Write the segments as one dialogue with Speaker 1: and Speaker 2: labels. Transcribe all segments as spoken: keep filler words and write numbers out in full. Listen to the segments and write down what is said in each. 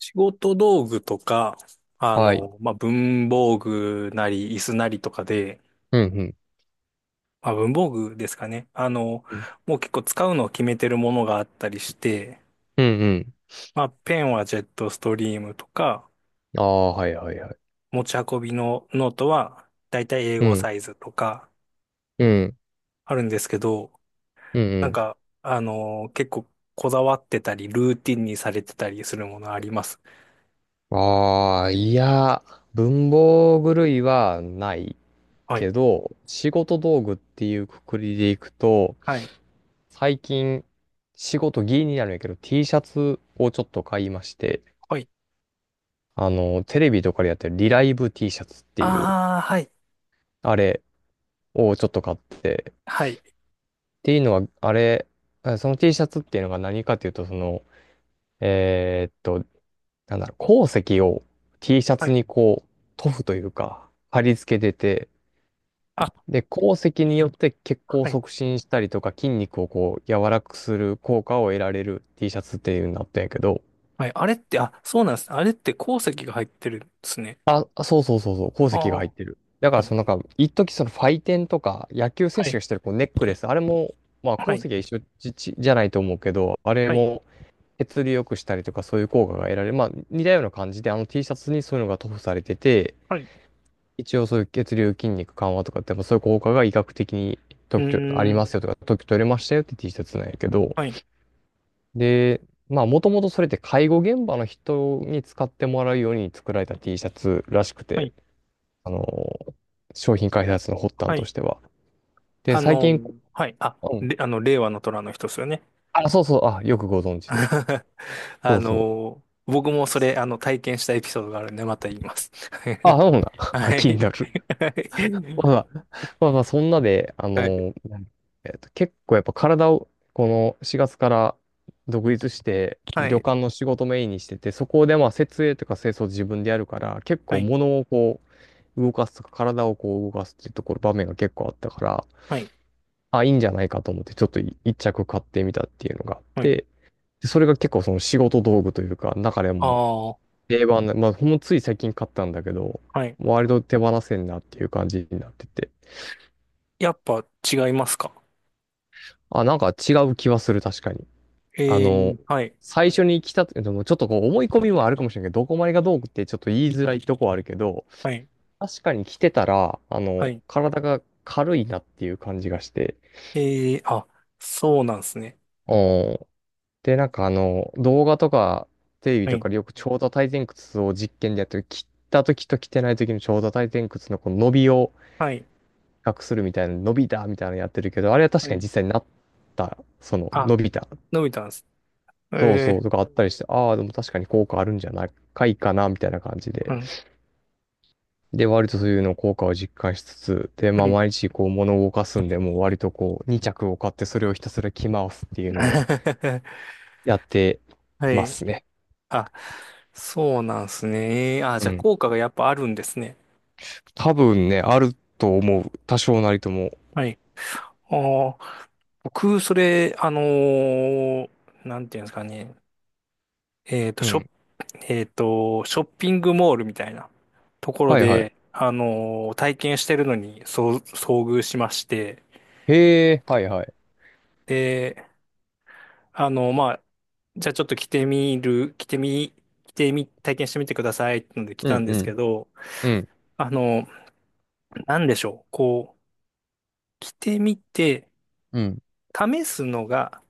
Speaker 1: 仕事道具とか、あ
Speaker 2: はい。
Speaker 1: の、まあ、文房具なり、椅子なりとかで、
Speaker 2: うんうん。
Speaker 1: まあ、文房具ですかね。あの、
Speaker 2: うん
Speaker 1: もう結構使うのを決めてるものがあったりして、
Speaker 2: うん
Speaker 1: まあ、ペンはジェットストリームとか、
Speaker 2: うん。ああ、はいはいはい。
Speaker 1: 持ち運びのノートはだいたい英
Speaker 2: う
Speaker 1: 語
Speaker 2: ん。
Speaker 1: サイズとか
Speaker 2: うん。
Speaker 1: あるんですけど、
Speaker 2: う
Speaker 1: なん
Speaker 2: ん
Speaker 1: か、あの、結構こだわってたり、ルーティンにされてたりするものあります。
Speaker 2: うん。ああ、いや、文房具類はない
Speaker 1: はい。
Speaker 2: けど、仕事道具っていうくくりでいくと、
Speaker 1: はい。
Speaker 2: 最近、仕事ギリになるんやけど、T シャツをちょっと買いまして、
Speaker 1: はい。
Speaker 2: あの、テレビとかでやってるリライブ T シャツっていう、
Speaker 1: ああ、はい。
Speaker 2: あれをちょっと買って、っ
Speaker 1: はい。
Speaker 2: ていうのは、あれ、あその T シャツっていうのが何かっていうと、その、えーっと、なんだろう、鉱石を T シャ
Speaker 1: は
Speaker 2: ツ
Speaker 1: い。
Speaker 2: にこう、塗布というか、貼り付けてて、
Speaker 1: あ、
Speaker 2: で、鉱石によって血行を
Speaker 1: はい。
Speaker 2: 促進したりとか、筋肉をこう、柔らかくする効果を得られる T シャツっていうのになったんやけど、
Speaker 1: はい。あれって、あ、そうなんです。あれって鉱石が入ってるんですね。
Speaker 2: あ、あ、そうそうそうそう、鉱
Speaker 1: あ
Speaker 2: 石
Speaker 1: あ、
Speaker 2: が入っ
Speaker 1: は
Speaker 2: てる。だから、
Speaker 1: い。
Speaker 2: そのなんか、一時そのファイテンとか、野球選
Speaker 1: は
Speaker 2: 手
Speaker 1: い。
Speaker 2: がしてるこうネックレス、あれも、まあ、
Speaker 1: は
Speaker 2: 鉱
Speaker 1: い。
Speaker 2: 石は一緒じ、じじゃないと思うけど、あれ
Speaker 1: はい。
Speaker 2: も、血流良くしたりとか、そういう効果が得られる。まあ、似たような感じで、あの T シャツにそういうのが塗布されてて、
Speaker 1: はい。
Speaker 2: 一応そういう血流筋肉緩和とかって、まあそういう効果が医学的に
Speaker 1: う
Speaker 2: 特許あ
Speaker 1: ー
Speaker 2: り
Speaker 1: ん。
Speaker 2: ますよとか、特許取れましたよって T シャツなんやけど、
Speaker 1: はい。
Speaker 2: で、まあもともとそれって介護現場の人に使ってもらうように作られた T シャツらしく
Speaker 1: は
Speaker 2: て、
Speaker 1: い。
Speaker 2: あの、商品開発の発端
Speaker 1: は
Speaker 2: と
Speaker 1: い。
Speaker 2: しては。で、
Speaker 1: あ
Speaker 2: 最
Speaker 1: の、
Speaker 2: 近、
Speaker 1: はい。あ、
Speaker 2: うん。
Speaker 1: れ、あの、令和の虎の人ですよね。
Speaker 2: あ、そうそう、あ、よくご存知で。
Speaker 1: あ
Speaker 2: そうそう。
Speaker 1: の、僕もそれ、あの、体験したエピソードがあるんで、また言います。
Speaker 2: あ、そうなんだ。あ、
Speaker 1: は
Speaker 2: 気に
Speaker 1: い。
Speaker 2: なる。ままあまあ、そんなで、あ
Speaker 1: はい。
Speaker 2: の、えっと、結構やっぱ体を、このしがつから独立して、
Speaker 1: は
Speaker 2: 旅
Speaker 1: い。
Speaker 2: 館の仕事メインにしてて、そこでまあ、設営とか清掃自分でやるから、結
Speaker 1: は
Speaker 2: 構
Speaker 1: い。
Speaker 2: 物をこう、動かすとか、体をこう動かすっていうところ、場面が結構あったから、
Speaker 1: はい。
Speaker 2: あ、いいんじゃないかと思って、ちょっとい一着買ってみたっていうのがあっ
Speaker 1: はい。
Speaker 2: て、でそれが結構その仕事道具というか、中で
Speaker 1: あ
Speaker 2: も
Speaker 1: あー、
Speaker 2: 定番な、まあ、ほんのつい最近買ったんだけど、
Speaker 1: はい。
Speaker 2: 割と手放せんなっていう感じになってて、
Speaker 1: やっぱ違いますか？
Speaker 2: あ、なんか違う気はする、確かに。
Speaker 1: え
Speaker 2: あの、
Speaker 1: ー、はい。
Speaker 2: 最初に来た、でもちょっとこう思い込みもあるかもしれないけど、どこまでがどうってちょっと言いづらいとこはあるけど、
Speaker 1: はい。
Speaker 2: 確かに来てたら、あ
Speaker 1: は
Speaker 2: の、
Speaker 1: い。
Speaker 2: 体が軽いなっていう感じがして。
Speaker 1: ええ、あ、そうなんですね。
Speaker 2: おんで、なんかあの、動画とかテレビ
Speaker 1: は
Speaker 2: と
Speaker 1: い。
Speaker 2: かでよく長座体前屈を実験でやってる、切った時と着てない時の長座体前屈のこの伸びを比
Speaker 1: はい。
Speaker 2: 較するみたいな、伸びたみたいなのやってるけど、あれは確
Speaker 1: は
Speaker 2: かに
Speaker 1: い。
Speaker 2: 実際になった、その
Speaker 1: あ、
Speaker 2: 伸びた、
Speaker 1: 伸びたんです。え
Speaker 2: そうそ
Speaker 1: え、
Speaker 2: うとかあったりして、ああ、でも確かに効果あるんじゃないかいかな、みたいな感じ
Speaker 1: う
Speaker 2: で。
Speaker 1: ん。
Speaker 2: で、割とそういうの効果を実感しつつ、で、ま
Speaker 1: は
Speaker 2: あ、
Speaker 1: い。
Speaker 2: 毎日こう物を動かすんで、もう割とこうに着を買ってそれをひたすら着回すっていうのを やって
Speaker 1: は
Speaker 2: ま
Speaker 1: い。
Speaker 2: すね。
Speaker 1: あ、そうなんですね。えー、あ、
Speaker 2: う
Speaker 1: じゃあ
Speaker 2: ん。
Speaker 1: 効果がやっぱあるんですね。
Speaker 2: 多分ね、あると思う。多少なりとも。
Speaker 1: はい。あー、僕、それ、あのーなんていうんですかね。えっと、
Speaker 2: う
Speaker 1: ショッ、
Speaker 2: ん。
Speaker 1: えっと、ショッピングモールみたいなところ
Speaker 2: はいはい。
Speaker 1: で、あのー体験してるのに、そう、遭遇しまして、
Speaker 2: へえ、はいはい。
Speaker 1: で、あの、まあ、じゃあちょっと着てみる、着てみ、着てみ、体験してみてくださいってので来
Speaker 2: う
Speaker 1: たん
Speaker 2: ん
Speaker 1: で
Speaker 2: う
Speaker 1: すけ
Speaker 2: ん。
Speaker 1: ど、
Speaker 2: うん。
Speaker 1: あの、なんでしょう。こう、着てみて、
Speaker 2: うん。
Speaker 1: 試すのが、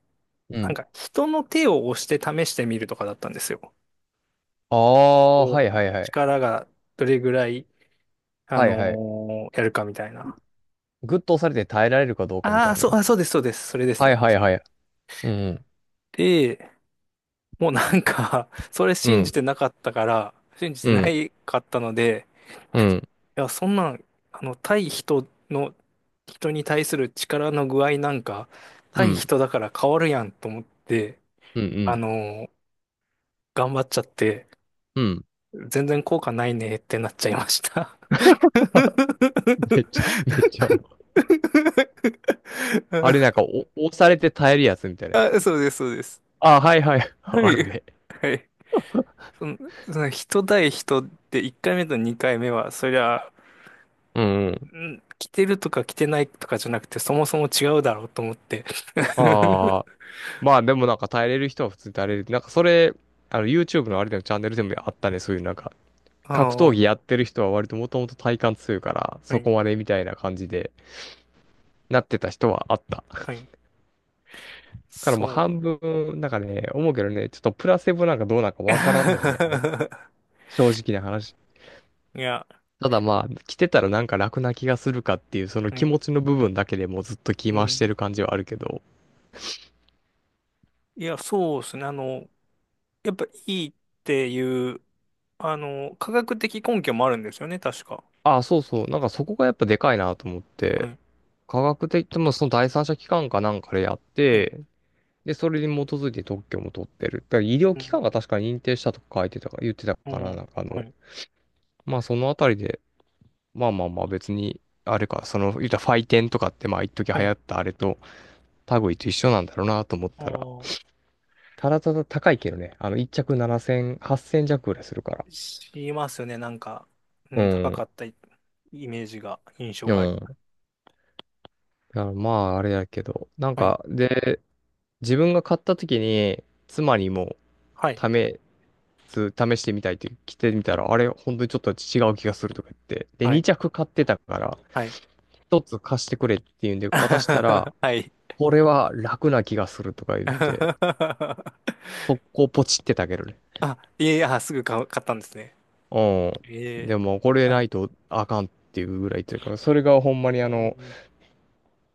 Speaker 2: う
Speaker 1: なん
Speaker 2: ん。
Speaker 1: か人の手を押して試してみるとかだったんですよ。
Speaker 2: ああ、は
Speaker 1: こ
Speaker 2: い
Speaker 1: う、
Speaker 2: はいはい。
Speaker 1: 力がどれぐらい、あ
Speaker 2: はい
Speaker 1: の
Speaker 2: はい。
Speaker 1: ーやるかみたいな。
Speaker 2: グッと押されて耐えられるかどうかみ
Speaker 1: あ
Speaker 2: た
Speaker 1: あ、
Speaker 2: い
Speaker 1: そう、
Speaker 2: な。
Speaker 1: あ、そうです、そうです。それです
Speaker 2: は
Speaker 1: ね。
Speaker 2: いはい
Speaker 1: 確か
Speaker 2: は
Speaker 1: に。
Speaker 2: い。うん。
Speaker 1: で、もうなんか それ
Speaker 2: う
Speaker 1: 信じ
Speaker 2: ん。
Speaker 1: てなかったから、信じて
Speaker 2: う
Speaker 1: な
Speaker 2: ん。
Speaker 1: いかったので、
Speaker 2: うん。
Speaker 1: や、そんなん、あの、対人の、人に対する力の具合なんか、
Speaker 2: う
Speaker 1: 対
Speaker 2: ん。
Speaker 1: 人だから変わるやんと思って、
Speaker 2: うん。う
Speaker 1: あ
Speaker 2: ん。
Speaker 1: の頑張っちゃって、
Speaker 2: うん。
Speaker 1: 全然効果ないねってなっちゃいました。
Speaker 2: めっちゃ、めっちゃあれなんかお、押されて耐えるやつみたいなや
Speaker 1: あ、
Speaker 2: つ。
Speaker 1: そうです、そうです。
Speaker 2: ああ、はいはい。
Speaker 1: は
Speaker 2: ある
Speaker 1: い、
Speaker 2: ね。
Speaker 1: はい。その、その人対人っていっかいめとにかいめは、そりゃ、
Speaker 2: うんうん。
Speaker 1: ん着てるとか着てないとかじゃなくて、そもそも違うだろうと思って。
Speaker 2: ああ。まあでもなんか耐えれる人は普通に耐えれる。なんかそれ、あの YouTube のあれでもチャンネルでもあったね。そういうなんか、格
Speaker 1: あ
Speaker 2: 闘
Speaker 1: あ、
Speaker 2: 技やってる人は割ともともと体幹強いから、
Speaker 1: は
Speaker 2: そこ
Speaker 1: い。
Speaker 2: までみたいな感じでなってた人はあった。だ
Speaker 1: はい。
Speaker 2: からもう
Speaker 1: そ
Speaker 2: 半
Speaker 1: う。
Speaker 2: 分、なんかね、思うけどね、ちょっとプラセボなんかどうなんかわからんのよね。あれ、正直な話。
Speaker 1: いや、
Speaker 2: ただまあ、来てたらなんか楽な気がするかっていう、その
Speaker 1: う
Speaker 2: 気
Speaker 1: ん。
Speaker 2: 持ちの部分だけでもうずっと気
Speaker 1: う
Speaker 2: 回して
Speaker 1: ん。
Speaker 2: る感じはあるけど。
Speaker 1: いや、そうですね。あの、やっぱいいっていう、あの、科学的根拠もあるんですよね、確か。
Speaker 2: あ、そうそう。なんかそこがやっぱでかいなと思っ
Speaker 1: は
Speaker 2: て、
Speaker 1: い。
Speaker 2: 科学的ともその第三者機関かなんかでやっ
Speaker 1: はい。
Speaker 2: て、で、それに基づいて特許も取ってる。だから医療
Speaker 1: う
Speaker 2: 機
Speaker 1: ん。
Speaker 2: 関が確か認定したとか書いてたか、言ってた
Speaker 1: う
Speaker 2: かな、
Speaker 1: ん。
Speaker 2: なんかあ
Speaker 1: は
Speaker 2: の、
Speaker 1: い。
Speaker 2: まあそのあたりで、まあまあまあ別に、あれか、その、言ったらファイテンとかってまあ一時
Speaker 1: は
Speaker 2: 流行
Speaker 1: い。
Speaker 2: ったあれと類と一緒なんだろうなと思っ
Speaker 1: あ
Speaker 2: たら、
Speaker 1: ー、
Speaker 2: ただただ高いけどね、あの、一着ななせん、はっせん弱ぐらいするから。
Speaker 1: しますよね。なんか、う
Speaker 2: う
Speaker 1: ん、高
Speaker 2: ん。
Speaker 1: かったイメージが、印象
Speaker 2: う
Speaker 1: があり。
Speaker 2: ん。いやまあ、あれやけど。なん
Speaker 1: はい。
Speaker 2: か、で、自分が買った時に、妻にも
Speaker 1: はい。
Speaker 2: 試す、試してみたいって着てみたら、あれ、本当にちょっと違う気がするとか言って。で、
Speaker 1: は
Speaker 2: に
Speaker 1: い。
Speaker 2: 着買ってたから、
Speaker 1: はい。
Speaker 2: ひとつ貸してくれっていうんで渡したら、
Speaker 1: はい。
Speaker 2: これは楽な気がするとか言って、速攻ポチってたけどね。
Speaker 1: あ、いえいえ、あ、すぐ買う買ったんですね。
Speaker 2: うん。
Speaker 1: え
Speaker 2: で
Speaker 1: え。
Speaker 2: も、これ
Speaker 1: は
Speaker 2: な
Speaker 1: い。
Speaker 2: いとあかんっていうぐらいというから、それがほんまにあの、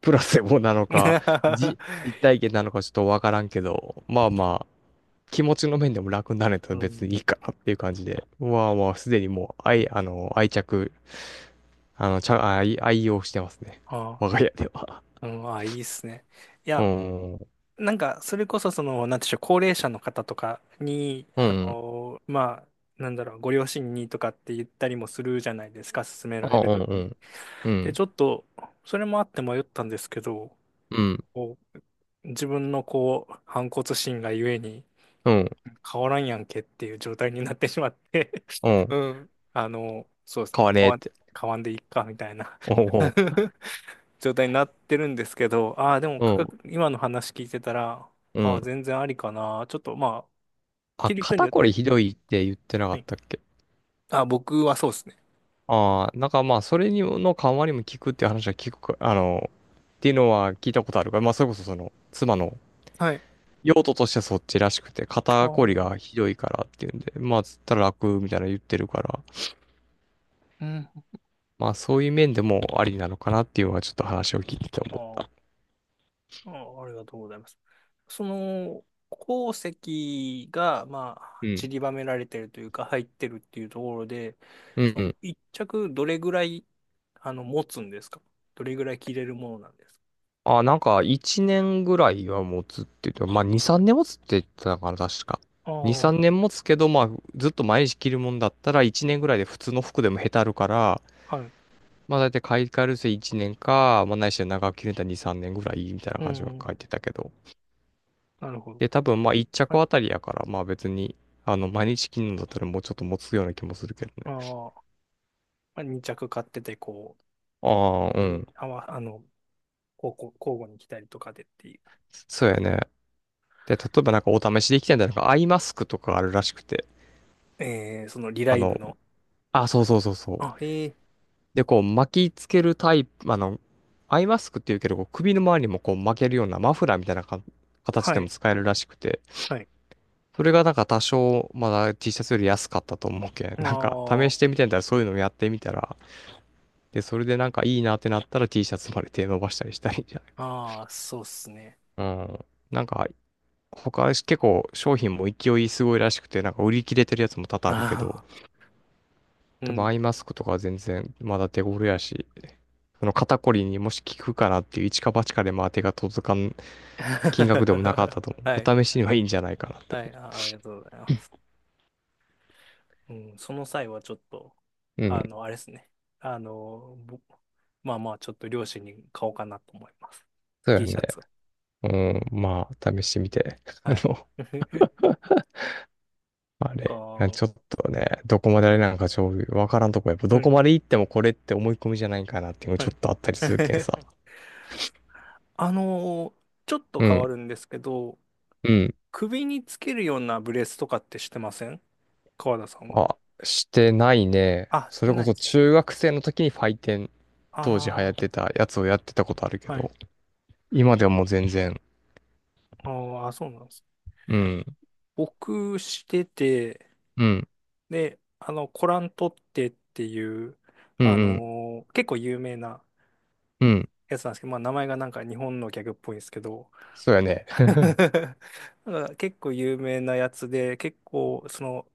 Speaker 2: プラセボなのか、じ、実 体験なのかちょっとわからんけど、まあまあ気持ちの面でも楽になるとだ
Speaker 1: う
Speaker 2: 別にい
Speaker 1: ん。
Speaker 2: いかなっていう感じで、うわあもうすでにもう、愛、あの、愛着、あの、ちゃ、愛、愛用してますね。
Speaker 1: あ
Speaker 2: 我が家では。
Speaker 1: あ、うん、あ、いいっすね。い
Speaker 2: う
Speaker 1: や、
Speaker 2: ん、
Speaker 1: なんか、それこそ、その、なんていうんでしょう、高齢者の方とかに、
Speaker 2: う
Speaker 1: あ
Speaker 2: ん、
Speaker 1: のーまあ、なんだろう、ご両親にとかって言ったりもするじゃないですか、勧めら
Speaker 2: あ、
Speaker 1: れる
Speaker 2: う
Speaker 1: と
Speaker 2: ん、
Speaker 1: き
Speaker 2: う
Speaker 1: に。
Speaker 2: ん、う
Speaker 1: で、
Speaker 2: ん、
Speaker 1: ちょっと、それもあって迷ったんですけど、
Speaker 2: うん、
Speaker 1: こう自分の、こう、反骨心がゆえに、
Speaker 2: うん、
Speaker 1: 変わらんやんけっていう状態になってしまって
Speaker 2: う
Speaker 1: う
Speaker 2: ん、
Speaker 1: ん。あの、そうですね、
Speaker 2: 買
Speaker 1: まあ、
Speaker 2: わね
Speaker 1: 変
Speaker 2: えっ
Speaker 1: わん、
Speaker 2: て。
Speaker 1: 変わんでいっか、みたいな
Speaker 2: お
Speaker 1: 状態になってるんですけど、ああ、でも
Speaker 2: うん
Speaker 1: 価
Speaker 2: う、
Speaker 1: 格、今の話聞いてたら、
Speaker 2: うん、
Speaker 1: あ
Speaker 2: うん。
Speaker 1: あ、全然ありかな。ちょっと、まあ、
Speaker 2: あ、
Speaker 1: 着る人に
Speaker 2: 肩
Speaker 1: よっ
Speaker 2: こ
Speaker 1: て、
Speaker 2: りひどいって言ってなか
Speaker 1: は
Speaker 2: っ
Speaker 1: い。
Speaker 2: たっけ？
Speaker 1: あ、僕はそうですね。
Speaker 2: ああ、なんかまあ、それにの緩和にも効くっていう話は聞くか、あの、っていうのは聞いたことあるから、まあ、それこそその、妻の
Speaker 1: はい。
Speaker 2: 用途としてはそっちらしくて、
Speaker 1: あ
Speaker 2: 肩
Speaker 1: あ、
Speaker 2: こり
Speaker 1: う
Speaker 2: がひどいからっていうんで、まあ、つったら楽みたいなの言ってるから、
Speaker 1: ん。
Speaker 2: まあ、そういう面でもありなのかなっていうのはちょっと話を聞いてて
Speaker 1: あ
Speaker 2: 思った。
Speaker 1: あ、あ、ありがとうございます。その、鉱石が、ま
Speaker 2: う
Speaker 1: あ、散
Speaker 2: ん。
Speaker 1: りばめられてるというか、入ってるっていうところで、
Speaker 2: うん
Speaker 1: そ
Speaker 2: う
Speaker 1: の、
Speaker 2: ん。
Speaker 1: 一着どれぐらい、あの、持つんですか？どれぐらい着れるものなんですか？
Speaker 2: あ、なんか、いちねんぐらいは持つって言って、まあ、に、さんねん持つって言ってたから、確か。に、
Speaker 1: あ
Speaker 2: 3
Speaker 1: あ、
Speaker 2: 年持つけど、まあ、ずっと毎日着るもんだったら、いちねんぐらいで普通の服でもへたるから、
Speaker 1: はい。
Speaker 2: まあ、だいたい買い替えるせいちねんか、まあ、ないしは長く着るんだたらに、さんねんぐらいみたいな
Speaker 1: う
Speaker 2: 感じは
Speaker 1: ん、
Speaker 2: 書いてたけど。
Speaker 1: なるほど。
Speaker 2: で、多分まあ一
Speaker 1: は
Speaker 2: 着
Speaker 1: い。
Speaker 2: あたりやから、まあ別に、あの、毎日着なんだったらもうちょっと持つような気もするけど
Speaker 1: あ
Speaker 2: ね。
Speaker 1: あ。まあ、に着買ってて、こ
Speaker 2: ああ、う
Speaker 1: う、い
Speaker 2: ん。
Speaker 1: あわ、あの、交互、交互に来たりとかでってい
Speaker 2: そうやね。で、例えばなんかお試しできてんだよなんかアイマスクとかあるらしくて。
Speaker 1: う、えー、そのリラ
Speaker 2: あ
Speaker 1: イブ
Speaker 2: の、
Speaker 1: の、
Speaker 2: あ、そうそうそうそう。
Speaker 1: あ、ええ、
Speaker 2: で、こう巻きつけるタイプ、あの、アイマスクっていうけど、こう首の周りにもこう巻けるようなマフラーみたいなか形
Speaker 1: は
Speaker 2: でも
Speaker 1: い、
Speaker 2: 使えるらしくて。
Speaker 1: はい。
Speaker 2: それがなんか多少まだ T シャツより安かったと思うけん。
Speaker 1: あ
Speaker 2: なんか試し
Speaker 1: ー、
Speaker 2: てみてんだらそういうのもやってみたら、で、それでなんかいいなってなったら T シャツまで手伸ばしたりしたりいんじゃ
Speaker 1: あー、そうっす
Speaker 2: ない。
Speaker 1: ね。
Speaker 2: うん。なんか、他結構商品も勢いすごいらしくて、なんか売り切れてるやつも多々あるけど、
Speaker 1: ああ、う
Speaker 2: 多分
Speaker 1: ん。
Speaker 2: アイマスクとかは全然まだ手頃やし、その肩こりにもし効くかなっていう一か八かでまあ手が届かん金額でもなかっ たと思
Speaker 1: は
Speaker 2: う。
Speaker 1: い、
Speaker 2: お試しにはいいんじゃないかなって
Speaker 1: はい、あ、ありがとうございます。うん、その際はちょっと、
Speaker 2: 思う。う
Speaker 1: あ
Speaker 2: ん。
Speaker 1: の、あれですね。あの、ぼまあまあ、ちょっと両親に買おうかなと思います。
Speaker 2: そうや
Speaker 1: T シ
Speaker 2: ね。
Speaker 1: ャツを。
Speaker 2: うん。まあ、試してみて。あ
Speaker 1: はい。
Speaker 2: の、まあ
Speaker 1: か、
Speaker 2: れ、
Speaker 1: は
Speaker 2: ちょっとね、どこまであれなんかちょ、わからんとこ、やっぱど
Speaker 1: い、
Speaker 2: こまで行ってもこれって思い込みじゃないかなっていうの
Speaker 1: は
Speaker 2: ちょっ
Speaker 1: い。
Speaker 2: とあったりするけん さ。
Speaker 1: あのーちょっと
Speaker 2: う
Speaker 1: 変わ
Speaker 2: ん、
Speaker 1: るんですけど、
Speaker 2: うん。
Speaker 1: 首につけるようなブレスとかってしてません？川田さんは。
Speaker 2: あ、してないね。
Speaker 1: あ、し
Speaker 2: そ
Speaker 1: て
Speaker 2: れ
Speaker 1: な
Speaker 2: こ
Speaker 1: いで
Speaker 2: そ
Speaker 1: す。
Speaker 2: 中学生の時にファイテン、当時流行っ
Speaker 1: あ
Speaker 2: てたやつをやってたことあるけ
Speaker 1: あ、はい。
Speaker 2: ど、今ではもう全然、
Speaker 1: あー、あ、そうなんです。
Speaker 2: うん、
Speaker 1: 僕してて、
Speaker 2: うん、
Speaker 1: で、あの、コラントってっていう、
Speaker 2: うん、
Speaker 1: あ
Speaker 2: うん、
Speaker 1: のー結構有名な
Speaker 2: うん。
Speaker 1: やつなんですけど、まあ名前がなんか日本のギャグっぽいんですけど、
Speaker 2: そうやね。
Speaker 1: なんか結構有名なやつで、結構その、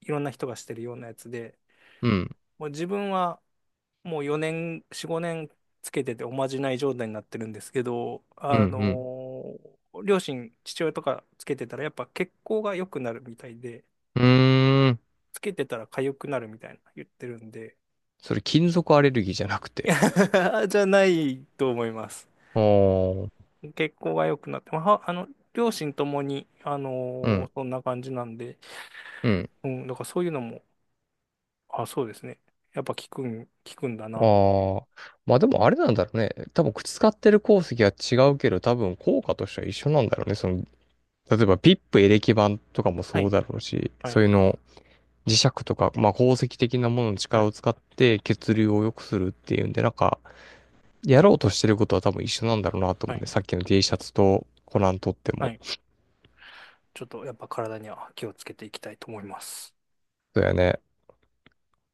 Speaker 1: いろんな人がしてるようなやつで、
Speaker 2: うん、
Speaker 1: もう自分はもうよねん、よん、ごねんつけてておまじない状態になってるんですけど、
Speaker 2: う
Speaker 1: あ
Speaker 2: ん、
Speaker 1: のー両親、父親とかつけてたらやっぱ血行が良くなるみたいで、
Speaker 2: うん。うーん。
Speaker 1: つけてたら痒くなるみたいな言ってるんで、
Speaker 2: それ金属アレルギーじゃなく
Speaker 1: い
Speaker 2: て。
Speaker 1: や じゃないと思います。
Speaker 2: おー、
Speaker 1: 血行が良くなって、まあ、は、あの、両親ともに、あ
Speaker 2: う
Speaker 1: のー
Speaker 2: ん、
Speaker 1: そんな感じなんで、
Speaker 2: うん。
Speaker 1: うん、だからそういうのも、あ、そうですね。やっぱ効くん、効くんだなって。
Speaker 2: ああ。まあでもあれなんだろうね。多分口使ってる鉱石は違うけど、多分効果としては一緒なんだろうね。その、例えばピップエレキ板とかも
Speaker 1: は
Speaker 2: そう
Speaker 1: い、
Speaker 2: だろうし、
Speaker 1: は
Speaker 2: そう
Speaker 1: い、
Speaker 2: いうの、磁石とか、まあ鉱石的なものの
Speaker 1: は
Speaker 2: 力
Speaker 1: い、
Speaker 2: を使って血流を良くするっていうんで、なんか、やろうとしてることは多分一緒なんだろうなと
Speaker 1: は
Speaker 2: 思う
Speaker 1: い。
Speaker 2: ね。さっきの T シャツとコナンとって
Speaker 1: は
Speaker 2: も。
Speaker 1: い、ちょっとやっぱ体には気をつけていきたいと思います。
Speaker 2: そうやね。